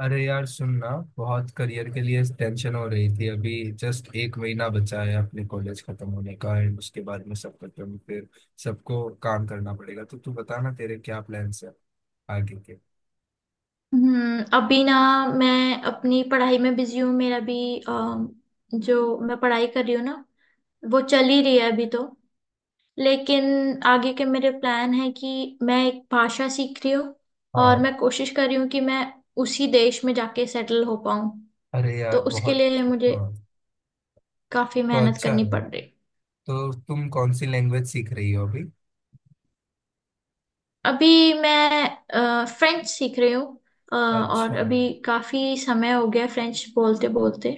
अरे यार सुनना। बहुत करियर के लिए टेंशन हो रही थी अभी। जस्ट एक महीना बचा है अपने कॉलेज खत्म होने का एंड उसके बाद में सब खत्म। फिर सबको काम करना पड़ेगा। तो तू बता ना, तेरे क्या प्लान्स है आगे के। अभी ना मैं अपनी पढ़ाई में बिजी हूँ। मेरा भी अम, जो मैं पढ़ाई कर रही हूँ ना वो चल ही रही है अभी। तो लेकिन आगे के मेरे प्लान है कि मैं एक भाषा सीख रही हूँ और हाँ। मैं कोशिश कर रही हूँ कि मैं उसी देश में जाके सेटल हो पाऊँ। अरे तो यार उसके बहुत। लिए मुझे हाँ, काफी तो मेहनत अच्छा करनी है। पड़ रही है। तो तुम कौन सी लैंग्वेज सीख रही हो अभी। अभी मैं फ्रेंच सीख रही हूँ, और अच्छा। अभी काफी समय हो गया फ्रेंच बोलते बोलते।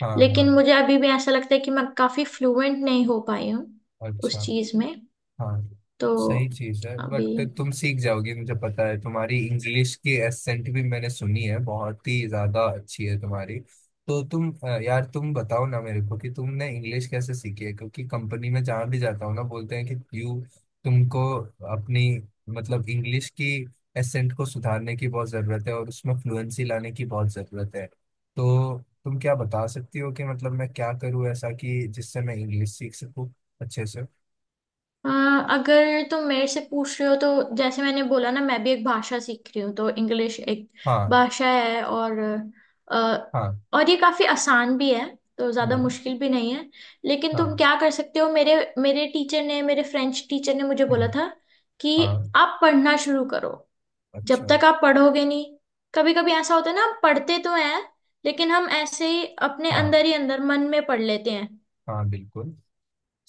हाँ, हाँ। लेकिन मुझे अभी भी ऐसा लगता है कि मैं काफी फ्लुएंट नहीं हो पाई हूँ अच्छा। उस चीज में। हाँ, तो सही चीज है। अभी बट तुम सीख जाओगी, मुझे पता है। तुम्हारी इंग्लिश की एसेंट भी मैंने सुनी है, बहुत ही ज्यादा अच्छी है तुम्हारी। तो तुम यार तुम बताओ ना मेरे को कि तुमने इंग्लिश कैसे सीखी है। क्योंकि कंपनी में जहाँ भी जाता हूँ ना, बोलते हैं कि यू। तुमको अपनी मतलब इंग्लिश की एसेंट को सुधारने की बहुत जरूरत है और उसमें फ्लुएंसी लाने की बहुत जरूरत है। तो तुम क्या बता सकती हो कि मतलब मैं क्या करूँ ऐसा कि जिससे मैं इंग्लिश सीख सकूँ अच्छे से। अ, अगर तुम मेरे से पूछ रहे हो तो जैसे मैंने बोला ना, मैं भी एक भाषा सीख रही हूँ, तो इंग्लिश एक हाँ। भाषा है और अ, हाँ। और ये काफी आसान भी है, तो ज्यादा हम्म। मुश्किल भी नहीं है। लेकिन हाँ। तुम क्या कर सकते हो, मेरे मेरे टीचर ने, मेरे फ्रेंच टीचर ने मुझे बोला हम्म। था कि हाँ। आप पढ़ना शुरू करो। जब अच्छा। तक आप पढ़ोगे नहीं, कभी कभी ऐसा होता है ना, हम पढ़ते तो हैं लेकिन हम ऐसे ही अपने हाँ अंदर ही अंदर मन में पढ़ लेते हैं। हाँ, बिल्कुल।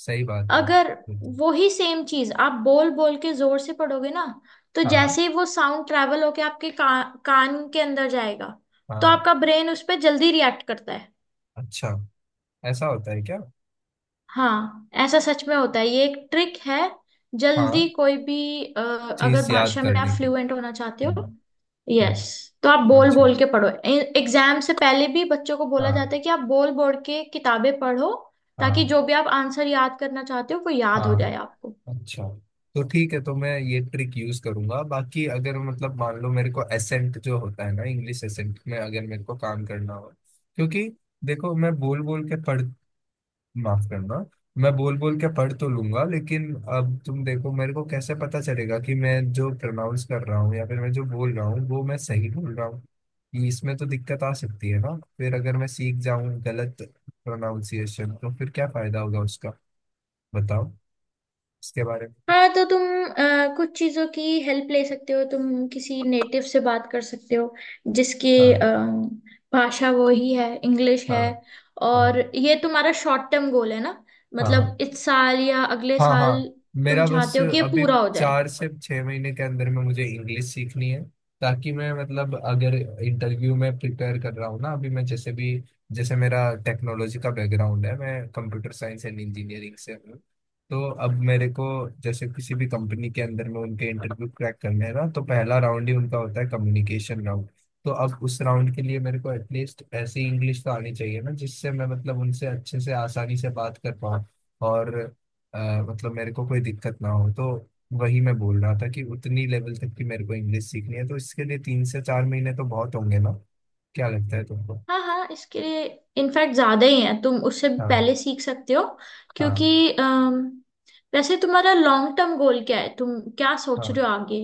सही बात है। अगर बिल्कुल। वही सेम चीज आप बोल बोल के जोर से पढ़ोगे ना, तो हाँ। जैसे ही वो साउंड ट्रैवल होके आपके कान के अंदर जाएगा, तो हाँ। आपका ब्रेन उस पर जल्दी रिएक्ट करता है। अच्छा, ऐसा होता है क्या। हाँ, ऐसा सच में होता है, ये एक ट्रिक है हाँ, जल्दी। कोई भी अगर चीज याद भाषा में आप करने की। फ्लुएंट होना चाहते हो। हम्म। यस, हम्म। तो आप बोल अच्छा। बोल के पढ़ो। एग्जाम से पहले भी बच्चों को बोला हाँ। जाता है कि आप बोल बोल के किताबें पढ़ो, ताकि हाँ। जो भी आप आंसर याद करना चाहते हो वो याद हो जाए हाँ। आपको। अच्छा, तो ठीक है। तो मैं ये ट्रिक यूज करूंगा। बाकी अगर मतलब मान लो मेरे को एसेंट जो होता है ना इंग्लिश एसेंट में अगर मेरे को काम करना हो। क्योंकि देखो मैं बोल बोल के पढ़, माफ करना, मैं बोल बोल के पढ़ तो लूंगा, लेकिन अब तुम देखो मेरे को कैसे पता चलेगा कि मैं जो प्रोनाउंस कर रहा हूँ या फिर मैं जो बोल रहा हूँ वो मैं सही बोल रहा हूँ। ये इसमें तो दिक्कत आ सकती है ना फिर। अगर मैं सीख जाऊं गलत प्रोनाउंसिएशन तो फिर क्या फायदा होगा उसका। बताओ इसके बारे में हाँ, कुछ। तो तुम कुछ चीजों की हेल्प ले सकते हो। तुम किसी नेटिव से बात कर सकते हो जिसकी हाँ। भाषा वो ही है, इंग्लिश है। हाँ। हाँ। और ये तुम्हारा शॉर्ट टर्म गोल है ना? हाँ। मतलब इस साल या अगले हाँ। साल हाँ। तुम मेरा बस चाहते हो कि ये अभी पूरा हो जाए। 4 से 6 महीने के अंदर में मुझे इंग्लिश सीखनी है, ताकि मैं मतलब अगर इंटरव्यू में प्रिपेयर कर रहा हूँ ना अभी, मैं जैसे भी, जैसे मेरा टेक्नोलॉजी का बैकग्राउंड है, मैं कंप्यूटर साइंस एंड इंजीनियरिंग से हूँ। तो अब मेरे को जैसे किसी भी कंपनी के अंदर में उनके इंटरव्यू क्रैक करने हैं ना, तो पहला राउंड ही उनका होता है कम्युनिकेशन राउंड। तो अब उस राउंड के लिए मेरे को एटलीस्ट ऐसी इंग्लिश तो आनी चाहिए ना जिससे मैं मतलब उनसे अच्छे से आसानी से बात कर पाऊँ और अ, मतलब मेरे को कोई दिक्कत ना हो। तो वही मैं बोल रहा था कि उतनी लेवल तक की मेरे को इंग्लिश सीखनी है, तो इसके लिए 3 से 4 महीने तो बहुत होंगे ना। क्या लगता है तुमको। हाँ हाँ, इसके लिए इनफैक्ट ज्यादा ही है, तुम उससे भी हाँ। पहले सीख सकते हो क्योंकि हाँ। वैसे तुम्हारा लॉन्ग टर्म गोल क्या है? तुम क्या सोच हाँ, रहे हो आगे?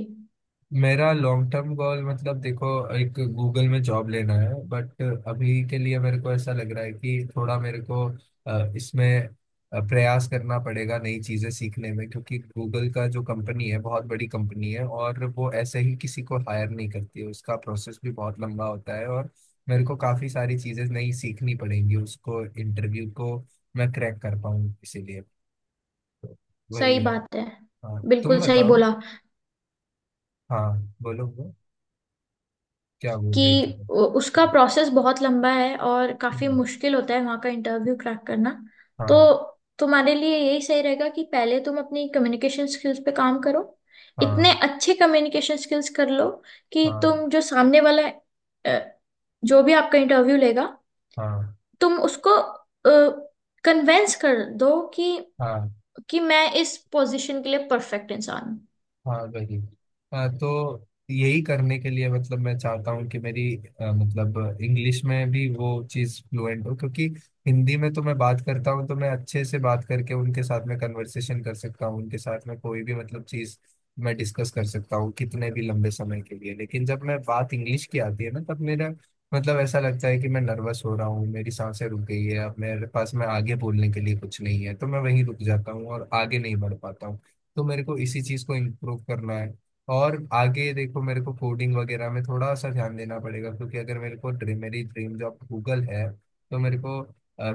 मेरा लॉन्ग टर्म गोल मतलब देखो, एक गूगल में जॉब लेना है, बट अभी के लिए मेरे को ऐसा लग रहा है कि थोड़ा मेरे को इसमें प्रयास करना पड़ेगा नई चीजें सीखने में। क्योंकि गूगल का जो कंपनी है बहुत बड़ी कंपनी है और वो ऐसे ही किसी को हायर नहीं करती है। उसका प्रोसेस भी बहुत लंबा होता है और मेरे को काफी सारी चीजें नई सीखनी पड़ेंगी, उसको इंटरव्यू को मैं क्रैक कर पाऊँ इसीलिए। तो वही सही है। बात है। हाँ, बिल्कुल तुम सही बताओ। बोला हाँ, बोलो बोलो, क्या बोल कि रही थी। उसका प्रोसेस बहुत लंबा है और काफी मुश्किल होता है वहाँ का इंटरव्यू क्रैक करना। तो हाँ। तुम्हारे लिए यही सही रहेगा कि पहले तुम अपनी कम्युनिकेशन स्किल्स पे काम करो। इतने हाँ। अच्छे कम्युनिकेशन स्किल्स कर लो कि हाँ। तुम, जो सामने वाला अ, जो भी आपका इंटरव्यू लेगा, हाँ। तुम उसको कन्वेंस कर दो कि हाँ। मैं इस पोजीशन के लिए परफेक्ट इंसान हूँ। हाँ वही। हाँ, तो यही करने के लिए मतलब मैं चाहता हूँ कि मेरी मतलब इंग्लिश में भी वो चीज़ फ्लुएंट हो। क्योंकि हिंदी में तो मैं बात करता हूँ तो मैं अच्छे से बात करके उनके साथ में कन्वर्सेशन कर सकता हूँ, उनके साथ में कोई भी मतलब चीज़ मैं डिस्कस कर सकता हूँ कितने भी लंबे समय के लिए। लेकिन जब मैं बात इंग्लिश की आती है ना, तब मेरा मतलब ऐसा लगता है कि मैं नर्वस हो रहा हूँ, मेरी सांसें रुक गई है, अब मेरे पास में आगे बोलने के लिए कुछ नहीं है, तो मैं वहीं रुक जाता हूँ और आगे नहीं बढ़ पाता हूँ। तो मेरे को इसी चीज को इम्प्रूव करना है। और आगे देखो मेरे को कोडिंग वगैरह में थोड़ा सा ध्यान देना पड़ेगा, क्योंकि अगर मेरे को ड्रीम मेरी ड्रीम जॉब गूगल है, तो मेरे को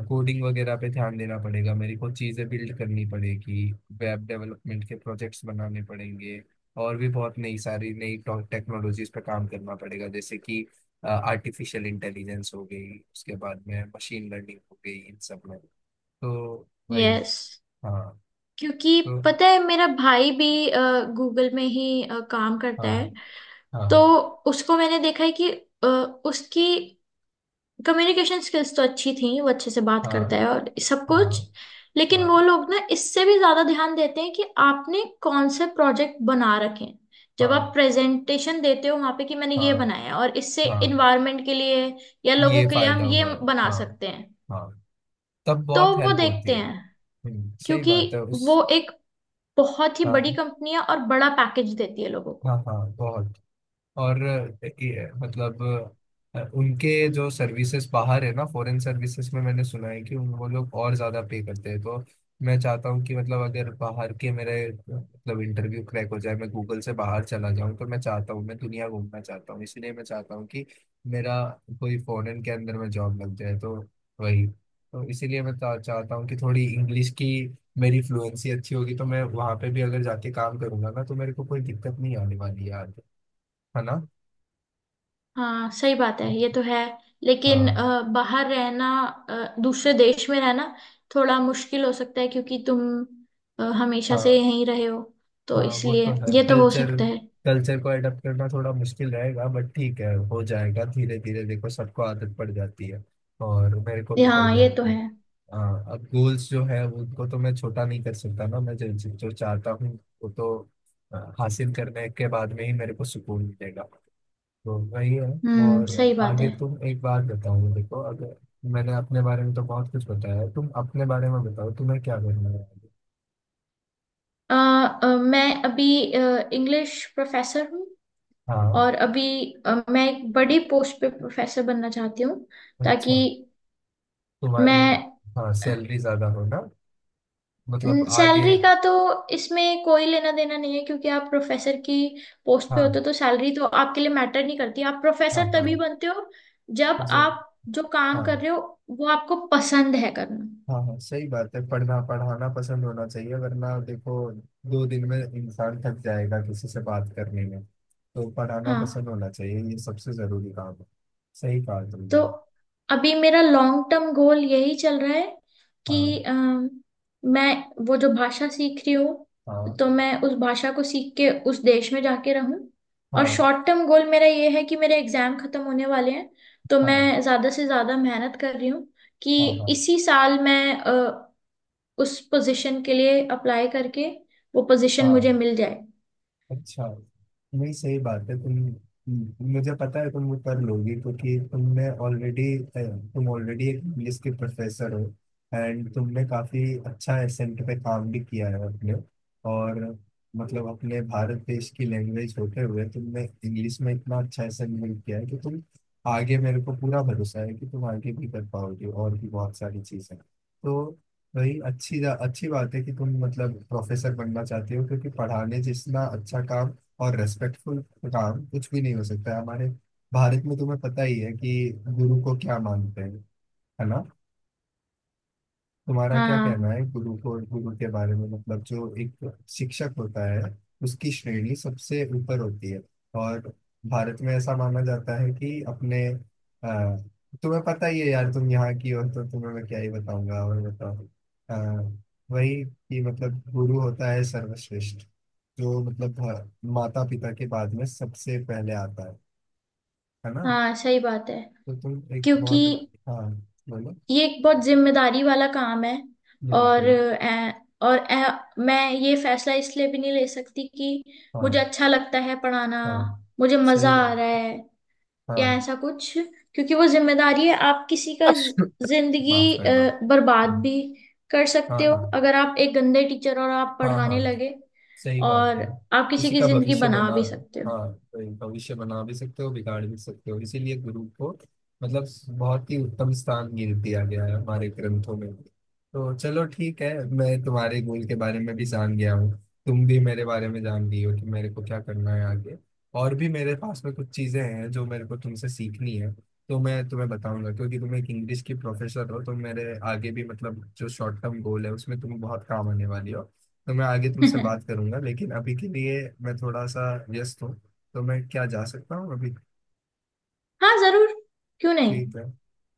कोडिंग वगैरह पे ध्यान देना पड़ेगा, मेरे को चीजें बिल्ड करनी पड़ेगी, वेब डेवलपमेंट के प्रोजेक्ट्स बनाने पड़ेंगे और भी बहुत नई सारी नई टेक्नोलॉजीज पे काम करना पड़ेगा, जैसे कि आर्टिफिशियल इंटेलिजेंस हो गई, उसके बाद में मशीन लर्निंग हो गई, इन सब में। तो वही। यस, हाँ। क्योंकि तो पता है मेरा भाई भी गूगल में ही काम करता है। हाँ तो हाँ। उसको मैंने देखा है कि अ, उसकी कम्युनिकेशन स्किल्स तो अच्छी थी, वो अच्छे से बात हाँ। करता है और सब कुछ। हाँ। लेकिन वो हाँ। लोग ना इससे भी ज्यादा ध्यान देते हैं कि आपने कौन से प्रोजेक्ट बना रखे हैं। जब आप हाँ। प्रेजेंटेशन देते हो वहां पे कि मैंने ये हाँ। बनाया है और इससे हाँ। इन्वायरमेंट के लिए या लोगों ये के लिए फायदा हम ये हुआ है, बना हाँ। सकते हैं, हाँ, तब तो बहुत वो हेल्प होती देखते है। हैं। सही क्योंकि बात है उस। वो एक बहुत ही बड़ी हाँ। कंपनी है और बड़ा पैकेज देती है लोगों को। हाँ, हाँ, बहुत। और ये, मतलब उनके जो सर्विसेज बाहर है ना, फॉरेन सर्विसेज में मैंने सुना है कि उन वो लोग और ज्यादा पे करते हैं। तो मैं चाहता हूँ कि मतलब अगर बाहर के मेरे मतलब इंटरव्यू क्रैक हो जाए, मैं गूगल से बाहर चला जाऊँ, तो मैं चाहता हूँ मैं दुनिया घूमना चाहता हूँ। इसलिए मैं चाहता हूँ कि मेरा कोई फॉरेन के अंदर में जॉब लग जाए। तो वही तो, इसीलिए मैं चाहता हूँ कि थोड़ी इंग्लिश की मेरी फ्लुएंसी अच्छी होगी तो मैं वहां पे भी अगर जाके काम करूंगा ना तो मेरे को कोई दिक्कत नहीं आने वाली यार। है ना। हाँ सही बात है, ये हाँ। तो है। लेकिन बाहर रहना, दूसरे देश में रहना थोड़ा मुश्किल हो सकता है क्योंकि तुम हमेशा से हाँ। यहीं रहे हो। तो हाँ, वो तो इसलिए है, ये तो हो कल्चर। सकता है। कल्चर को अडॉप्ट करना थोड़ा मुश्किल रहेगा, बट ठीक है हो जाएगा धीरे धीरे, देखो सबको आदत पड़ जाती है और मेरे को भी पड़ हाँ, ये तो जाएगी। है। हाँ, अब गोल्स जो है वो उनको तो मैं छोटा नहीं कर सकता ना। मैं जो जो चाहता हूँ वो तो हासिल करने के बाद में ही मेरे को सुकून मिलेगा। तो वही है। हम्म, और सही बात है। आगे तुम एक बात बताओ, देखो अगर मैंने अपने बारे में तो बहुत कुछ बताया है, तुम अपने बारे में बताओ, तुम्हें क्या करना है आगे? अ, अ, मैं अभी इंग्लिश प्रोफेसर हूँ हाँ। और अभी मैं एक बड़ी पोस्ट पे प्रोफेसर बनना चाहती हूँ ताकि अच्छा। तुम्हारी। मैं। हाँ, सैलरी ज्यादा हो ना, मतलब आगे। सैलरी का तो इसमें कोई लेना देना नहीं है क्योंकि आप प्रोफेसर की पोस्ट पे हाँ। होते हो तो सैलरी तो आपके लिए मैटर नहीं करती। आप हाँ। प्रोफेसर हाँ, तभी बनते हो जब जब। आप जो काम कर हाँ, रहे हो वो आपको पसंद है करना। हाँ, हाँ, सही बात है, पढ़ना पढ़ाना पसंद होना चाहिए वरना देखो दो दिन में इंसान थक जाएगा किसी से बात करने में। तो पढ़ाना पसंद हाँ, होना चाहिए, ये सबसे जरूरी काम है। सही कहा तुमने। तो अभी मेरा लॉन्ग टर्म गोल यही चल रहा है हाँ। कि मैं वो जो भाषा सीख रही हूँ, तो हाँ। मैं उस भाषा को सीख के उस देश में जाके रहूं। और हाँ। शॉर्ट टर्म गोल मेरा ये है कि मेरे एग्जाम खत्म होने वाले हैं, तो हाँ। मैं ज्यादा से ज्यादा मेहनत कर रही हूँ कि हाँ। हाँ। इसी साल मैं उस पोजीशन के लिए अप्लाई करके वो पोजीशन मुझे हाँ। मिल जाए। अच्छा। नहीं, सही बात है। मुझे पता है तुम कर लोगी, क्योंकि तुमने ऑलरेडी, तुम ऑलरेडी एक इंग्लिश के प्रोफेसर हो, एंड तुमने काफी अच्छा एसेंट पे काम भी किया है अपने। और मतलब अपने भारत देश की लैंग्वेज होते हुए तुमने इंग्लिश में इतना अच्छा एसेंट बिल्ड किया है कि तुम आगे, मेरे को पूरा भरोसा है कि तुम आगे भी कर पाओगे और भी बहुत सारी चीजें। तो वही अच्छी अच्छी बात है कि तुम मतलब प्रोफेसर बनना चाहते हो, क्योंकि पढ़ाने जितना अच्छा काम और रेस्पेक्टफुल काम कुछ भी नहीं हो सकता है हमारे भारत में। तुम्हें पता ही है कि गुरु को क्या मानते हैं। है ना। तुम्हारा क्या कहना हाँ है गुरु को, गुरु के बारे में, मतलब जो एक शिक्षक होता है उसकी श्रेणी सबसे ऊपर होती है। और भारत में ऐसा माना जाता है कि अपने अ, तुम्हें पता ही है यार, तुम यहाँ की हो, तो तुम्हें मैं क्या ही बताऊंगा। और बताओ अ, वही कि मतलब गुरु होता है सर्वश्रेष्ठ, जो मतलब माता पिता के बाद में सबसे पहले आता है। है ना। हाँ, सही बात है। तो तुम एक क्योंकि बहुत। हाँ, बोलो। ये एक बहुत जिम्मेदारी वाला काम है। और बिल्कुल। अ, और मैं ये फैसला इसलिए भी नहीं ले सकती कि मुझे हाँ। अच्छा लगता है पढ़ाना, हाँ, मुझे सही मजा आ रहा बात। है या हाँ, ऐसा कुछ। क्योंकि वो जिम्मेदारी है, आप किसी का जिंदगी माफ करना। बर्बाद हम्म। भी कर सकते हाँ, हो हाँ, अगर आप एक गंदे टीचर और आप हाँ, पढ़ाने हाँ, लगे। सही बात और है। आप किसी किसी की का जिंदगी भविष्य बना बना, भी सकते हो। हाँ, तो भविष्य बना भी सकते हो, बिगाड़ भी सकते हो। इसीलिए गुरु को मतलब बहुत ही उत्तम स्थान गिर दिया गया है हमारे ग्रंथों में। तो चलो ठीक है, मैं तुम्हारे गोल के बारे में भी जान गया हूँ, तुम भी मेरे बारे में जान गई हो कि मेरे को क्या करना है आगे। और भी मेरे पास में कुछ चीजें हैं जो मेरे को तुमसे सीखनी है, तो मैं तुम्हें बताऊंगा, क्योंकि तुम एक इंग्लिश की प्रोफेसर हो तो मेरे आगे भी मतलब जो शॉर्ट टर्म गोल है उसमें तुम बहुत काम आने वाली हो। तो मैं आगे तुमसे बात करूंगा, लेकिन अभी के लिए मैं थोड़ा सा व्यस्त हूँ। तो मैं क्या जा सकता हूँ अभी। हाँ जरूर, क्यों नहीं। ठीक है।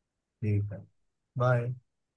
ठीक है। बाय।